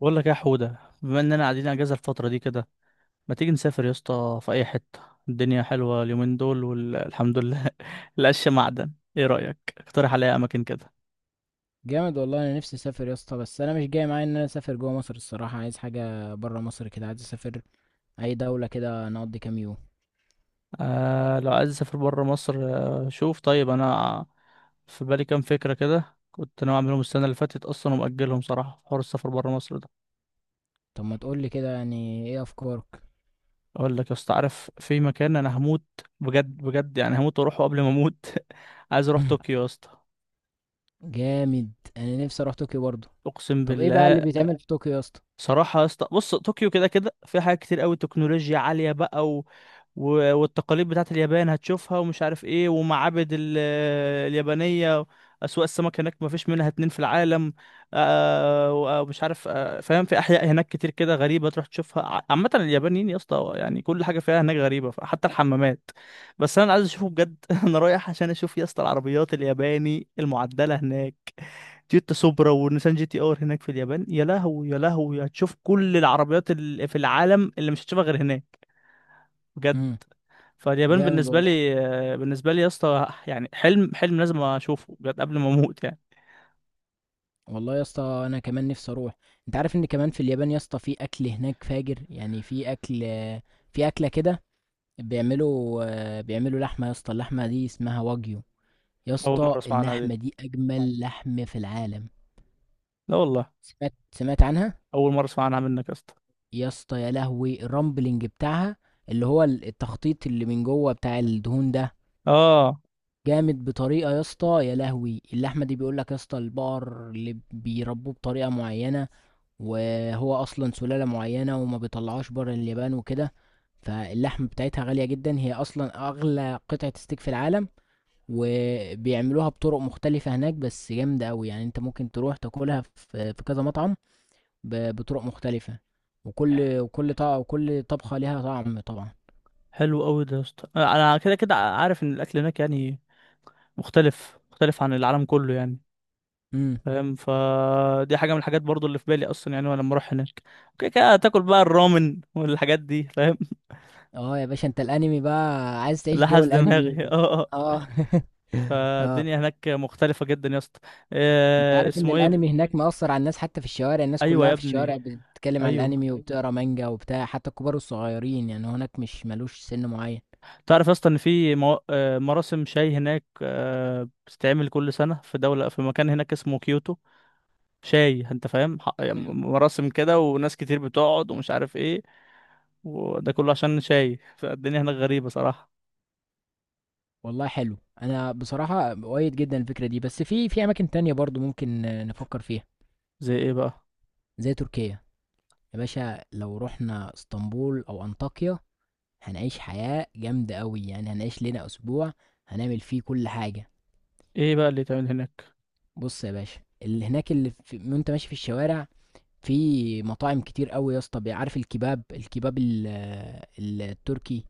بقول لك إيه يا حودة؟ بما اننا قاعدين اجازة الفترة دي كده، ما تيجي نسافر يا اسطى في اي حتة؟ الدنيا حلوة اليومين دول والحمد لله. القش معدن. ايه رأيك؟ اقترح عليا اماكن كده. جامد والله. انا نفسي اسافر يا اسطى، بس انا مش جاي معايا ان انا اسافر جوه مصر الصراحه. عايز حاجه بره مصر كده، عايز اسافر اي دوله كده نقضي كام يوم. آه، لو عايز اسافر بره مصر. آه، شوف طيب، انا في بالي كام فكرة كده، كنت ناوي اعملهم السنة اللي فاتت اصلا، ومأجلهم صراحة في حوار السفر بره مصر ده. طب ما تقول لي كده، يعني ايه افكارك؟ اقول لك يا اسطى، عارف في مكان انا هموت بجد بجد يعني هموت واروحه قبل ما اموت؟ عايز اروح طوكيو يا اسطى. جامد. انا نفسي اروح طوكيو برضه. اقسم طب ايه بقى اللي بالله. بيتعمل في طوكيو يا اسطى؟ صراحة يا اسطى، بص، طوكيو كده كده في حاجات كتير قوي، تكنولوجيا عالية بقى، و... و... والتقاليد بتاعت اليابان هتشوفها ومش عارف ايه، ومعابد اليابانية. أسواق السمك هناك ما فيش منها اتنين في العالم. آه... و- آه، ومش عارف فاهم؟ في أحياء هناك كتير كده غريبة تروح تشوفها، عامة اليابانيين يا اسطى يعني كل حاجة فيها هناك غريبة، حتى الحمامات. بس أنا عايز أشوفه بجد. أنا رايح عشان أشوف يا اسطى العربيات الياباني المعدلة هناك. تويوتا سوبرا ونيسان جي تي ار هناك في اليابان، يا لهو يا لهو، هتشوف كل العربيات اللي في العالم، اللي مش هتشوفها غير هناك. بجد. امم. فاليابان جامد بالنسبة والله. لي آه، بالنسبة لي يا اسطى يعني حلم حلم لازم اشوفه بجد قبل ما اموت يعني. والله يا اسطى انا كمان نفسي اروح. انت عارف ان كمان في اليابان يا اسطى، في اكل هناك فاجر. يعني في اكل، في اكله كده. بيعملوا لحمه يا اسطى. اللحمه دي اسمها واجيو. يا اول اسطى مرة اسمع عنها دي. اللحمة دي أجمل لحم في العالم. لا والله. سمعت عنها. اول مرة اسمع عنها منك يا اسطى. يا اسطى يا لهوي، الرامبلنج بتاعها اللي هو التخطيط اللي من جوه بتاع الدهون ده. اه. جامد بطريقة يا اسطى. يا لهوي اللحمة دي، بيقولك يا اسطى، البقر اللي بيربوه بطريقة معينة، وهو أصلا سلالة معينة وما بيطلعوش بره اليابان وكده. فاللحم بتاعتها غالية جدا، هي أصلا أغلى قطعة ستيك في العالم. وبيعملوها بطرق مختلفة هناك، بس جامدة أوي. يعني أنت ممكن تروح تاكلها في كذا مطعم، بطرق مختلفة. وكل طبق وكل طبخة ليها طعم طبعا. حلو قوي ده يا اسطى، انا كده كده عارف ان الاكل هناك يعني مختلف مختلف عن العالم كله يعني. امم. فاهم؟ فدي حاجة من الحاجات برضو اللي في بالي اصلا، يعني وانا لما اروح هناك، اوكي كده تاكل بقى الرامن والحاجات دي، فاهم؟ اه يا باشا، انت الانمي بقى، عايز تعيش جو لحس الانمي. دماغي. اه، اه. اه فالدنيا اه. هناك مختلفة جدا يا اسطى. انت آه، عارف ان اسمه الانمي ايه؟ هناك مأثر على الناس، حتى في الشوارع، الناس ايوه يا كلها في ابني. الشوارع بتتكلم عن ايوه. الانمي وبتقرا مانجا وبتاع، حتى الكبار والصغيرين، يعني هناك مش ملوش سن معين. تعرف يا اسطى ان في مو... آه مراسم شاي هناك بتتعمل كل سنة في دولة، في مكان هناك اسمه كيوتو. شاي، انت فاهم؟ يعني مراسم كده، وناس كتير بتقعد، ومش عارف ايه، وده كله عشان شاي. فالدنيا هناك غريبة صراحة. والله حلو. انا بصراحه مؤيد جدا الفكره دي، بس في اماكن تانية برضو ممكن نفكر فيها. زي ايه بقى؟ زي تركيا. يا باشا لو رحنا اسطنبول او انطاكيا، هنعيش حياه جامده قوي. يعني هنعيش لنا اسبوع، هنعمل فيه كل حاجه. ايه بقى اللي يتعمل هناك؟ بص يا باشا، اللي هناك، وانت ماشي في الشوارع، في مطاعم كتير قوي يا اسطى. عارف الكباب الكباب ال... آه، التركي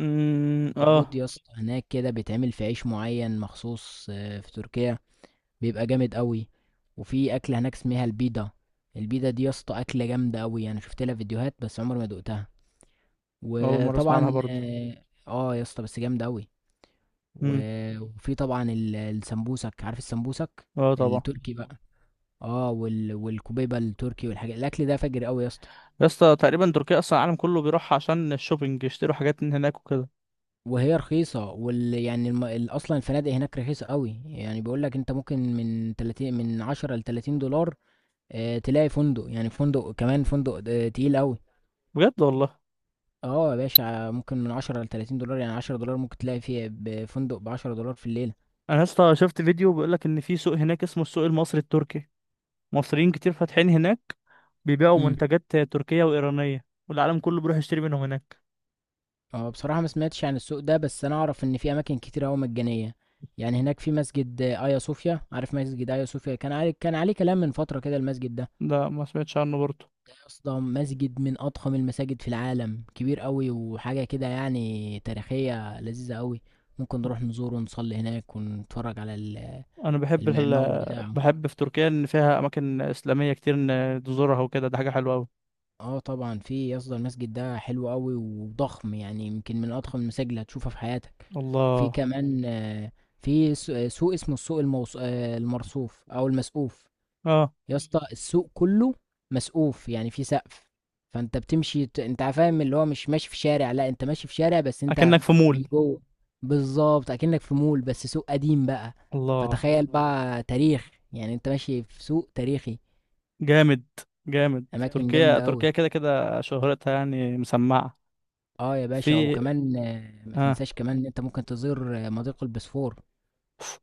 امم، اه. موجود يا اسطى. هناك كده بيتعمل في عيش معين مخصوص في تركيا، بيبقى جامد قوي. وفي اكله هناك اسمها البيضه. البيضه دي يا اسطى اكله جامده قوي. انا شفت لها فيديوهات، بس عمري ما دقتها. اول مرة اسمع عنها وطبعا برضو. يا اسطى، بس جامده قوي. امم، وفي طبعا السمبوسك. عارف السمبوسك اه طبعا. التركي بقى. اه والكبيبه التركي، والحاجات، الاكل ده فجر قوي يا اسطى. يا اسطى تقريبا تركيا اصلا العالم كله بيروح عشان الشوبينج، يشتروا حاجات من هناك وكده. وهي رخيصه، وال... يعني الم... ال- اصلا الفنادق هناك رخيصه قوي. يعني بيقول لك انت ممكن من 30، من 10 ل 30 دولار تلاقي فندق، يعني فندق، كمان فندق تقيل قوي. بجد والله. اه يا باشا، ممكن من 10 ل 30 دولار. يعني 10 دولار ممكن تلاقي فيه، بفندق ب 10 دولار في الليله. انا يا اسطى شفت فيديو بيقول لك ان في سوق هناك اسمه السوق المصري التركي، مصريين كتير فاتحين هناك، بيبيعوا امم. منتجات تركية وايرانية، والعالم كله بيروح يشتري منهم هناك. اه بصراحه ما سمعتش عن السوق ده، بس انا اعرف ان في اماكن كتير قوي مجانيه. يعني هناك في مسجد ايا صوفيا. عارف مسجد ايا صوفيا كان عليه كلام من فتره كده، المسجد ده. ده ما سمعتش عنه برضه. اصلا مسجد من اضخم المساجد في العالم، كبير قوي، وحاجه كده يعني تاريخيه لذيذه قوي. ممكن نروح نزوره ونصلي هناك ونتفرج على انا بحب المعمار ال... بتاعه. بحب في تركيا ان فيها اماكن اسلامية كتير ان تزورها وكده، ده حاجة حلوة قوي. آه طبعًا في يا اسطى، المسجد ده حلو أوي وضخم، يعني يمكن من أضخم المساجد اللي هتشوفها في حياتك. في الله. كمان في س آه، سوق اسمه السوق الموص المرصوف أو المسقوف، اه. يا اسطى. السوق كله مسقوف، يعني في سقف. فأنت بتمشي، أنت فاهم اللي هو مش ماشي في شارع، لأ، أنت ماشي في شارع بس أنت اكنك في من مول. جوه. بالضبط، أكنك في مول، بس سوق قديم بقى. الله. فتخيل بقى تاريخ، يعني أنت ماشي في سوق تاريخي. جامد جامد. أماكن تركيا جامدة أوي. تركيا كده كده شهرتها يعني مسمعة. آه يا باشا، في. وكمان ما اه. تنساش كمان إن أنت ممكن تزور مضيق البسفور.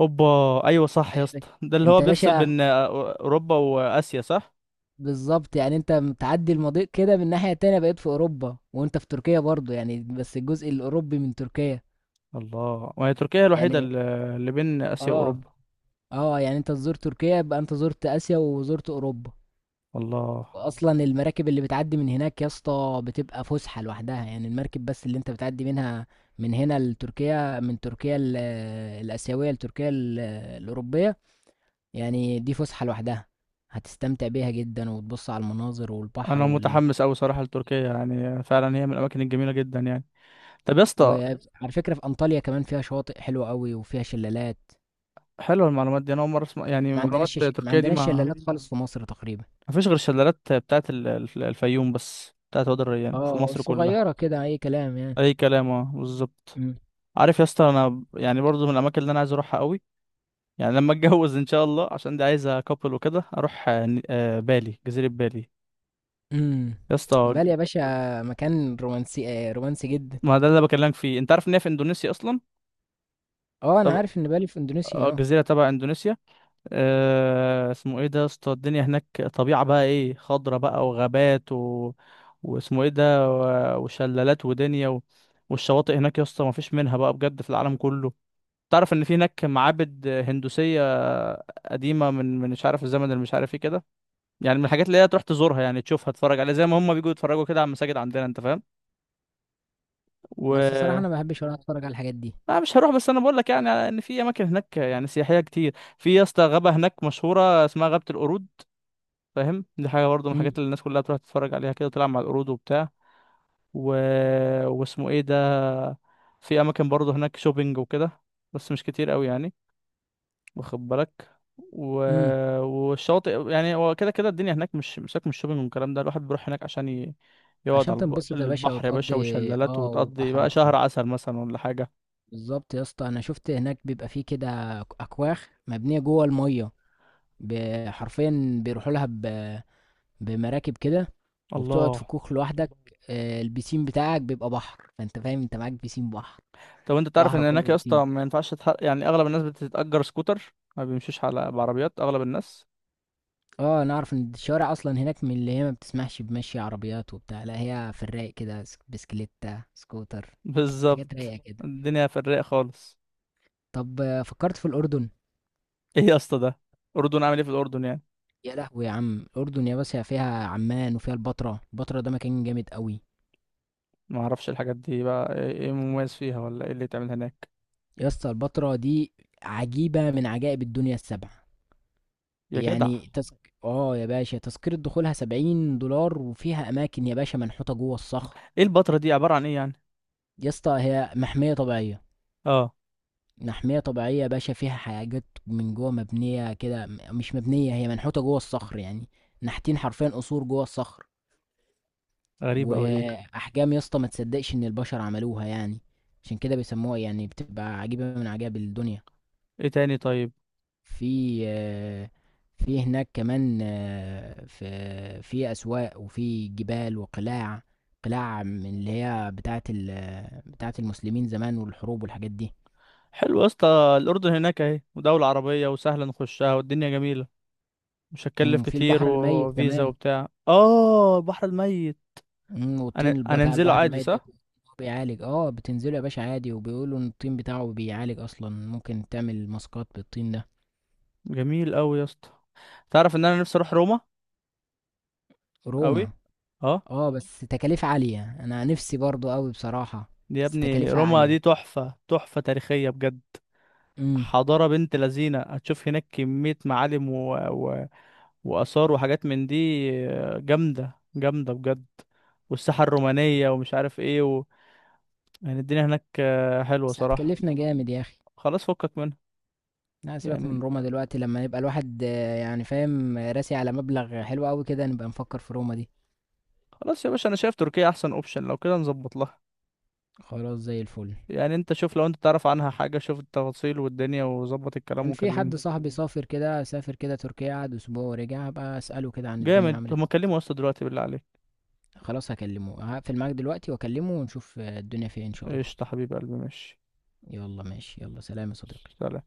اوبا. ايوه صح يا أيوة يا باشا. اسطى، ده اللي هو أنت يا بيفصل باشا بين اوروبا واسيا، صح؟ بالظبط، يعني أنت بتعدي المضيق كده من الناحية التانية، بقيت في أوروبا وأنت في تركيا برضه، يعني بس الجزء الأوروبي من تركيا الله. وهي تركيا الوحيدة يعني. اللي بين اسيا آه واوروبا. يعني أنت تزور تركيا يبقى أنت زرت آسيا وزرت أوروبا. الله. وأصلا المراكب اللي بتعدي من هناك يا اسطى بتبقى فسحة لوحدها. يعني المركب بس اللي أنت بتعدي منها من هنا لتركيا، من تركيا الآسيوية لتركيا الأوروبية، يعني دي فسحة لوحدها. هتستمتع بيها جدا وتبص على المناظر والبحر انا متحمس اوي صراحة لتركيا، يعني فعلا هي من الاماكن الجميلة جدا يعني. طب يا اسطى، وعلى فكرة في أنطاليا كمان، فيها شواطئ حلوة قوي وفيها شلالات. حلوة المعلومات دي، انا اول مرة اسمع يعني معلومات ما تركيا دي عندناش ما. شلالات خالص في مصر تقريبا. مفيش غير الشلالات بتاعت الفيوم، بس بتاعت وادي الريان في اه، مصر كلها. صغيرة كده، أي كلام يعني. اي كلام، اه بالظبط. امم. عارف يا اسطى، انا يعني برضو من الاماكن اللي انا عايز اروحها قوي، يعني لما اتجوز ان شاء الله، عشان دي عايزه كابل وكده، اروح بالي، جزيره بالي امم. يا اسطى. بالي يا باشا، مكان رومانسي، رومانسي جدا. ما ده اللي بكلمك فيه، انت عارف ان هي في اندونيسيا اصلا. اه انا طب. عارف ان بالي في اندونيسيا، اه. جزيره تبع اندونيسيا. أه، اسمه ايه ده يا اسطى، الدنيا هناك طبيعه بقى، ايه، خضره بقى وغابات واسمه ايه ده، و- وشلالات ودنيا والشواطئ هناك يا اسطى ما فيش منها بقى بجد في العالم كله. تعرف ان في هناك معابد هندوسيه قديمه من مش عارف الزمن، اللي مش عارف ايه كده، يعني من الحاجات اللي هي تروح تزورها، يعني تشوفها، تتفرج عليها، زي ما هم بيجوا يتفرجوا كده على المساجد عندنا، انت فاهم؟ بس الصراحة انا و ما بحبش ولا اتفرج على الحاجات دي. انا مش هروح، بس انا بقول لك يعني ان في اماكن هناك يعني سياحيه كتير. في يا اسطى غابه هناك مشهوره اسمها غابه القرود، فاهم؟ دي حاجه برضه من الحاجات امم. اللي الناس كلها تروح تتفرج عليها كده، تلعب مع القرود وبتاع، و... واسمه ايه ده. في اماكن برضه هناك شوبينج وكده، بس مش كتير قوي يعني، واخد بالك، و... امم. والشواطئ، يعني هو كده كده الدنيا هناك مش مساك من الشوبينج والكلام ده، الواحد بيروح هناك عشان يقعد عشان على تنبسط يا باشا البحر يا باشا، وتقضي. وشلالات، اه وتقضي بقى وبحرك. شهر عسل مثلا ولا حاجة. بالظبط يا اسطى، انا شفت هناك بيبقى فيه كده اكواخ مبنيه جوه الميه، حرفيا بيروحوا لها بمراكب كده، وبتقعد في الله. كوخ لوحدك. البيسين بتاعك بيبقى بحر، فانت فاهم، انت معاك بيسين بحر. طب انت تعرف بحر ان هناك كله يا بيسين. اسطى ما ينفعش يعني اغلب الناس بتتأجر سكوتر، ما بيمشوش على بعربيات، اغلب الناس. اه انا اعرف ان الشوارع اصلا هناك من اللي هي ما بتسمحش بمشي عربيات وبتاع، لا هي في الرايق كده، بسكليتة، سكوتر، حاجات بالظبط. رايقه كده. الدنيا في الرايق خالص. طب فكرت في الاردن. ايه يا اسطى ده؟ الاردن؟ عامل ايه في الاردن يعني؟ يا لهوي يا عم، الاردن يا باشا فيها عمان وفيها البتراء. البتراء ده مكان جامد قوي. ما اعرفش الحاجات دي بقى، ايه، إيه مميز فيها ولا ايه اللي يتعمل هناك؟ يا اسطى البتراء دي عجيبة من عجائب الدنيا السبع. يا جدع. يعني تسك... اه يا باشا، تذكرة دخولها 70 دولار، وفيها أماكن يا باشا منحوتة جوه الصخر. ايه البتراء دي؟ عبارة عن ايه يعني؟ يا اسطى هي محمية طبيعية. اه. محمية طبيعية يا باشا، فيها حاجات من جوه مبنية كده، مش مبنية، هي منحوتة جوه الصخر يعني. نحتين حرفيا قصور جوه الصخر. غريب أوي دي. وأحجام يا اسطى ما تصدقش إن البشر عملوها يعني. عشان كده بيسموها، يعني بتبقى عجيبة من عجائب الدنيا. ايه تاني طيب؟ في آه، في هناك كمان، في أسواق وفي جبال وقلاع. قلاع من اللي هي بتاعة بتاعة المسلمين زمان، والحروب والحاجات دي. حلو يا اسطى. الأردن هناك اهي، ودولة عربية وسهلة نخشها، والدنيا جميلة، مش مم، هتكلف وفي كتير البحر الميت وفيزا كمان. وبتاع، اه البحر الميت. مم، انا والطين انا بتاع انزله البحر عادي، الميت ده صح؟ بيعالج. اه بتنزله يا باشا عادي، وبيقولوا ان الطين بتاعه بيعالج اصلا، ممكن تعمل ماسكات بالطين ده. جميل أوي يا اسطى. تعرف ان انا نفسي اروح روما روما. أوي؟ اه. اه بس تكاليف عالية، انا نفسي برضو قوي بصراحة. دي يا بس ابني، تكاليفها روما دي عالية. تحفة تحفة تاريخية بجد، امم. حضارة بنت لذينة، هتشوف هناك كمية معالم وآثار وحاجات من دي، جامدة جامدة بجد، والساحة الرومانية ومش عارف ايه، يعني الدنيا هناك حلوة بس صراحة. هتكلفنا جامد يا اخي. خلاص، فكك منها. لا سيبك من يعني روما دلوقتي، لما يبقى الواحد يعني فاهم، راسي على مبلغ حلو قوي كده، نبقى نفكر في روما دي. خلاص يا باشا، انا شايف تركيا احسن اوبشن، لو كده نظبط لها. خلاص زي الفل. يعني انت شوف، لو انت تعرف عنها حاجة، شوف التفاصيل والدنيا، وظبط الكلام كان في وكلمني. حد صاحبي سافر كده، سافر كده تركيا، قعد اسبوع ورجع. هبقى اساله كده عن الدنيا جامد. طب ما عملت كلمه اصلا دلوقتي بالله عليك. إيه. خلاص، هكلمه. هقفل معاك دلوقتي واكلمه ونشوف الدنيا فيها إيه ان شاء الله. قشطة حبيب قلبي، ماشي. يلا ماشي، يلا سلام يا صديقي. سلام.